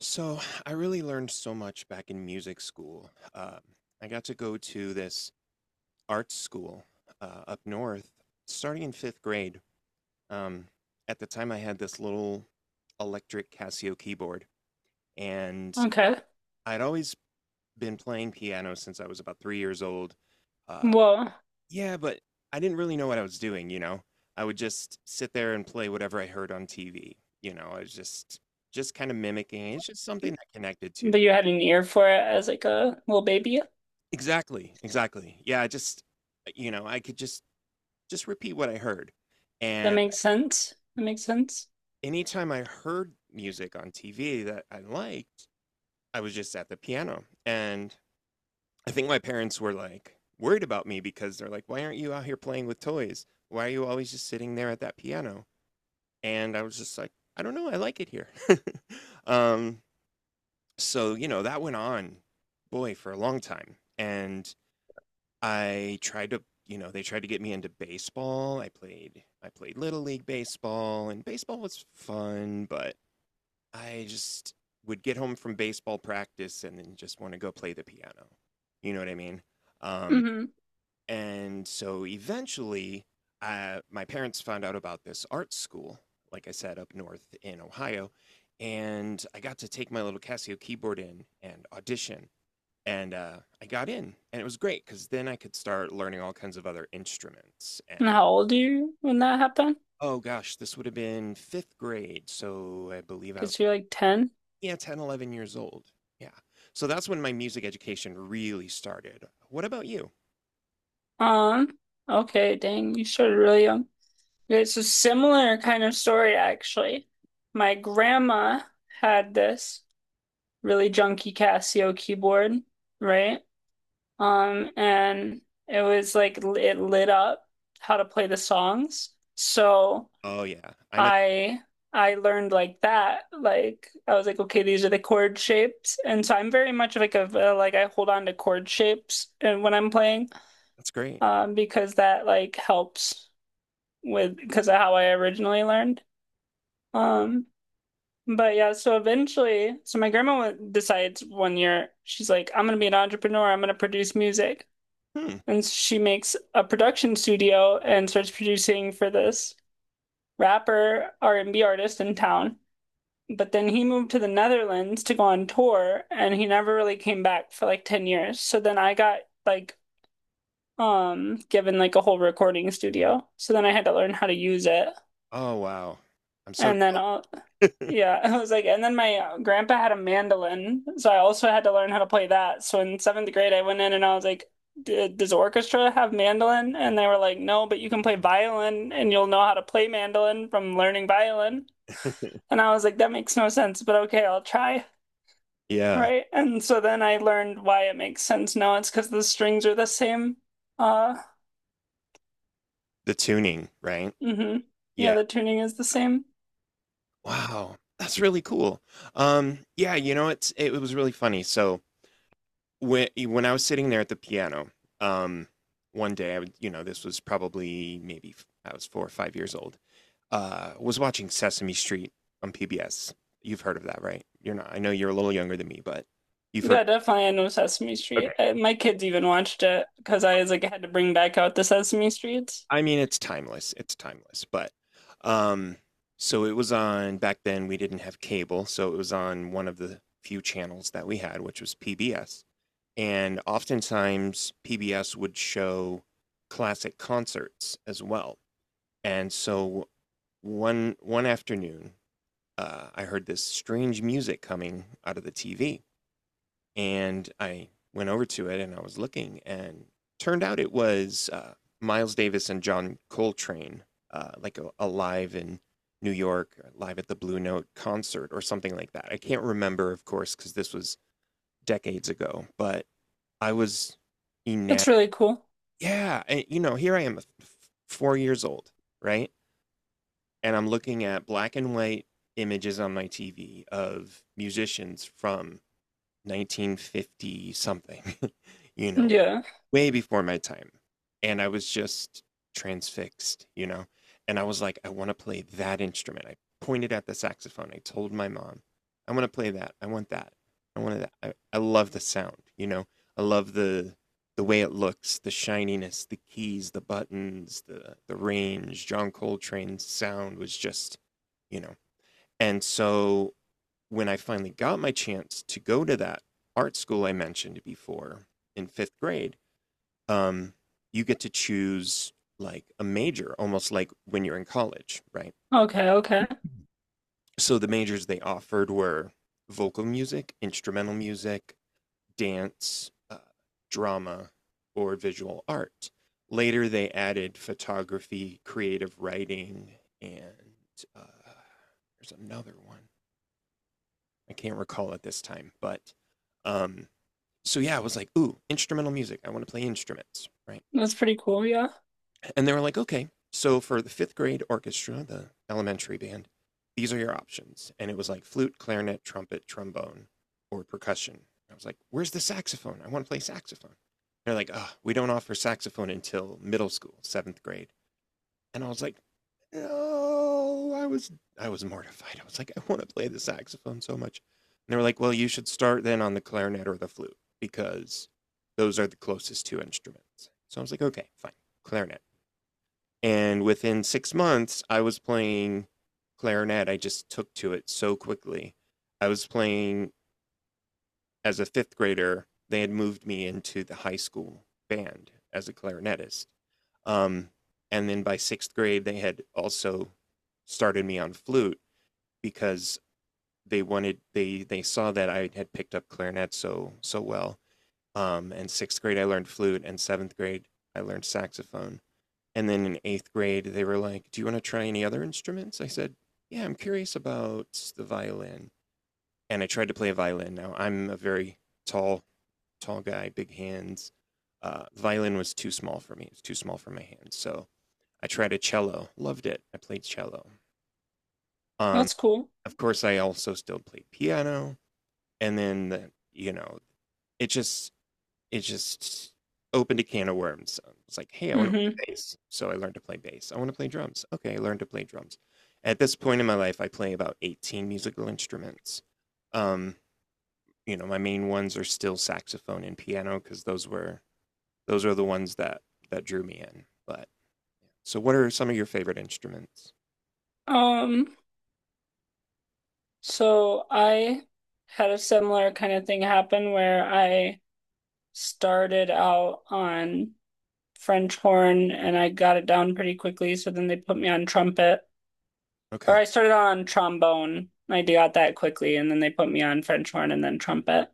So I really learned so much back in music school. I got to go to this art school up north starting in fifth grade. Um, at the time, I had this little electric Casio keyboard, and Okay. I'd always been playing piano since I was about 3 years old. Uh, Well, yeah, but I didn't really know what I was doing, you know? I would just sit there and play whatever I heard on TV. I was just kind of mimicking. It's just something that connected to. but you had an ear for it as like a little baby. Exactly, exactly. Yeah, I just I could just repeat what I heard. That And makes sense. That makes sense. anytime I heard music on TV that I liked, I was just at the piano. And I think my parents were like worried about me because they're like, "Why aren't you out here playing with toys? Why are you always just sitting there at that piano?" And I was just like, "I don't know, I like it here." um so that went on, boy, for a long time. And I tried to, you know, they tried to get me into baseball. I played little league baseball, and baseball was fun, but I just would get home from baseball practice and then just want to go play the piano. You know what I mean? Um Hmm. and so eventually my parents found out about this art school, like I said, up north in Ohio, and I got to take my little Casio keyboard in and audition and I got in, and it was great because then I could start learning all kinds of other instruments. And And how old are you when that happened? oh gosh, this would have been fifth grade, so I believe I was, Because you're like 10. yeah, 10, 11 years old. Yeah, so that's when my music education really started. What about you? Um, okay, dang, you started really young. Okay, it's a similar kind of story actually. My grandma had this really junky Casio keyboard, right? And it was like it lit up how to play the songs. So Oh yeah, I know. I I learned like that. Like I was like, okay, these are the chord shapes, and so I'm very much like a like I hold on to chord shapes and when I'm playing, That's great. Because that like helps with because of how I originally learned. Um, but yeah, so eventually, so my grandma decides one year she's like, I'm gonna be an entrepreneur. I'm gonna produce music, Hmm. and she makes a production studio and starts producing for this rapper R&B artist in town, but then he moved to the Netherlands to go on tour and he never really came back for like 10 years. So then I got like given like a whole recording studio. So then I had to learn how to use it. Oh wow, I'm so. And then yeah, I was like and then my grandpa had a mandolin, so I also had to learn how to play that. So in 7th grade I went in and I was like, Does orchestra have mandolin?" And they were like, no, but you can play violin and you'll know how to play mandolin from learning violin. And I was like, that makes no sense, but okay, I'll try. Yeah, Right. And so then I learned why it makes sense now. It's because the strings are the same. Uh, the tuning, right? hmm. Yeah, Yeah. the tuning is the same. Wow, that's really cool. Yeah, it was really funny, so when I was sitting there at the piano, um, one day I would, this was probably maybe I was 4 or 5 years old. Was watching Sesame Street on PBS. You've heard of that, right? You're not. I know you're a little younger than me, but you've heard. Yeah, definitely. I know Sesame Street. Okay. I, my kids even watched it because I was like, I had to bring back out the Sesame Streets. I mean, it's timeless. It's timeless. But um, so it was on back then. We didn't have cable, so it was on one of the few channels that we had, which was PBS, and oftentimes PBS would show classic concerts as well. And so one afternoon, I heard this strange music coming out of the TV, and I went over to it and I was looking, and turned out it was Miles Davis and John Coltrane, like a live in New York, live at the Blue Note concert or something like that. I can't remember, of course, because this was decades ago, but I was enamored. That's really cool. Yeah, and, you know, here I am, f f 4 years old, right? And I'm looking at black and white images on my TV of musicians from 1950 something, you know, Yeah. way before my time. And I was just transfixed, you know? And I was like, I want to play that instrument. I pointed at the saxophone. I told my mom, I want to play that. I want that. I wanted that. I love the sound, you know? I love the way it looks, the shininess, the keys, the buttons, the range. John Coltrane's sound was just, you know. And so when I finally got my chance to go to that art school I mentioned before in 5th grade, um, you get to choose like a major, almost like when you're in college, right? Okay, okay. So the majors they offered were vocal music, instrumental music, dance, drama, or visual art. Later, they added photography, creative writing, and there's another one. I can't recall at this time, but um, so yeah, I was like, ooh, instrumental music. I want to play instruments, right? That's pretty cool. Yeah. And they were like, okay, so for the fifth grade orchestra, the elementary band, these are your options. And it was like flute, clarinet, trumpet, trombone, or percussion. I was like, where's the saxophone? I want to play saxophone. They're like, oh, we don't offer saxophone until middle school, seventh grade. And I was like, no, I was mortified. I was like, I want to play the saxophone so much. And they were like, well, you should start then on the clarinet or the flute because those are the closest two instruments. So I was like, okay, fine, clarinet. And within 6 months, I was playing clarinet. I just took to it so quickly. I was playing as a fifth grader. They had moved me into the high school band as a clarinetist. Um, and then by sixth grade, they had also started me on flute because they wanted they saw that I had picked up clarinet so well. And sixth grade, I learned flute, and seventh grade, I learned saxophone. And then in eighth grade, they were like, "Do you want to try any other instruments?" I said, "Yeah, I'm curious about the violin." And I tried to play a violin. Now, I'm a very tall, tall guy, big hands. The violin was too small for me, it was too small for my hands. So I tried a cello, loved it. I played cello. Um, That's cool. of course, I also still played piano. And then, the, it just, it just opened a can of worms. It's like, "Hey, I want to Mm-hmm. play bass." So I learned to play bass. I want to play drums. Okay, I learned to play drums. At this point in my life, I play about 18 musical instruments. Um, my main ones are still saxophone and piano because those are the ones that drew me in. But so what are some of your favorite instruments? Um, So I had a similar kind of thing happen where I started out on French horn and I got it down pretty quickly. So then they put me on trumpet, or Okay, I started on trombone. I got that quickly, and then they put me on French horn and then trumpet,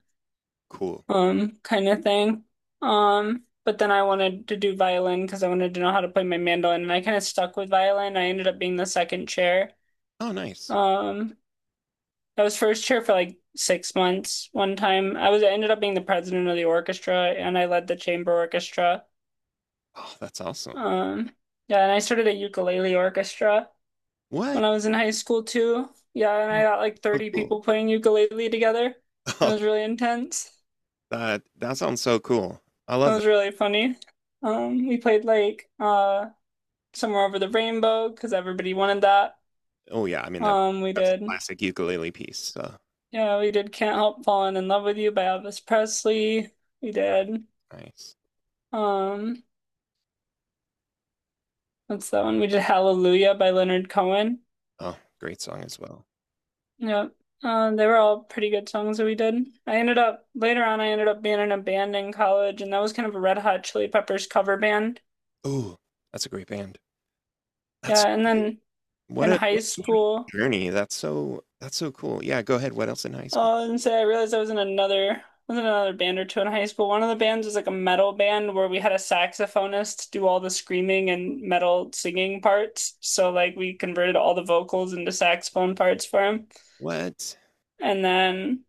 cool. Kind of thing. But then I wanted to do violin because I wanted to know how to play my mandolin, and I kind of stuck with violin. I ended up being the second chair. Oh, nice. Um, I was first chair for like 6 months one time. I ended up being the president of the orchestra and I led the chamber orchestra. Oh, that's awesome. Um, yeah, and I started a ukulele orchestra when What? I was in high school too. Yeah, and I got like So 30 cool. people playing ukulele together. It was really intense. That that sounds so cool. I It love that. was really funny. We played like Somewhere Over the Rainbow because everybody wanted that. Oh yeah, I mean that We that's a did classic ukulele piece. Yeah, we did Can't Help Falling in Love with You by Elvis Presley. We did Nice. um That's that one. We did Hallelujah by Leonard Cohen. Oh, great song as well. Yeah, they were all pretty good songs that we did. I ended up later on, I ended up being in a band in college, and that was kind of a Red Hot Chili Peppers cover band. Oh, that's a great band. That's Yeah, and cool. then what in a high what an interesting school, journey. That's so cool. Yeah, go ahead. What else in high school? oh, and so I realized I was in another band or two in high school. One of the bands was like a metal band where we had a saxophonist do all the screaming and metal singing parts. So like we converted all the vocals into saxophone parts for him. What? And then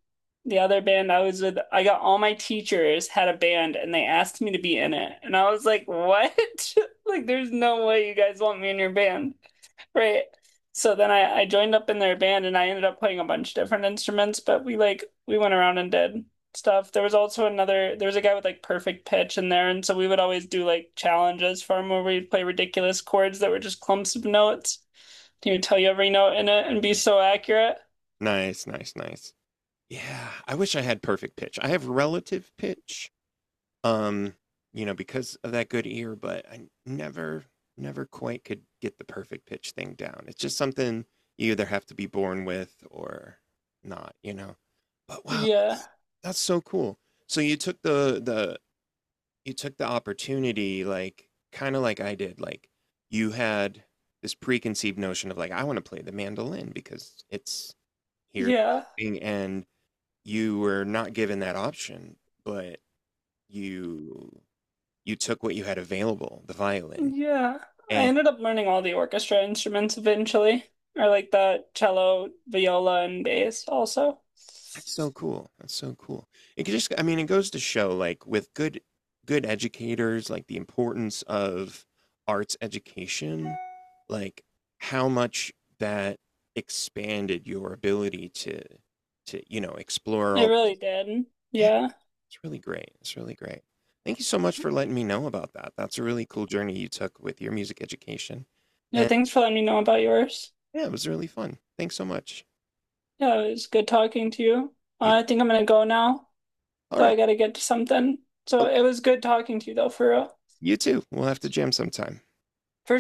the other band I was with, I got all my teachers had a band and they asked me to be in it. And I was like, what? Like, there's no way you guys want me in your band. Right. So then I joined up in their band and I ended up playing a bunch of different instruments, but we went around and did stuff. There was also another there was a guy with like perfect pitch in there, and so we would always do like challenges for him where we'd play ridiculous chords that were just clumps of notes. He would tell you every note in it and be so accurate. Nice, nice, nice. Yeah, I wish I had perfect pitch. I have relative pitch. Um, because of that good ear, but I never quite could get the perfect pitch thing down. It's just something you either have to be born with or not. But wow, Yeah, that's so cool. So you took the opportunity, like, kind of like I did, like you had this preconceived notion of like I want to play the mandolin because it's here, yeah, and you were not given that option, but you took what you had available, the violin, yeah. I and ended up learning all the orchestra instruments eventually, or like the cello, viola, and bass also. that's so cool. That's so cool. It could just, I mean, it goes to show, like, with good educators, like the importance of arts education, like how much that expanded your ability to explore I all. really did. Yeah, Yeah. it's really great. It's really great. Thank you so much for letting me know about that. That's a really cool journey you took with your music education. Yeah, And thanks for letting me know about yours. yeah, it was really fun. Thanks so much. Yeah, it was good talking to you. You, I think I'm gonna go now, all though right. I gotta get to something. So it Okay. was good talking to you though, for real. You too. We'll have to jam sometime. For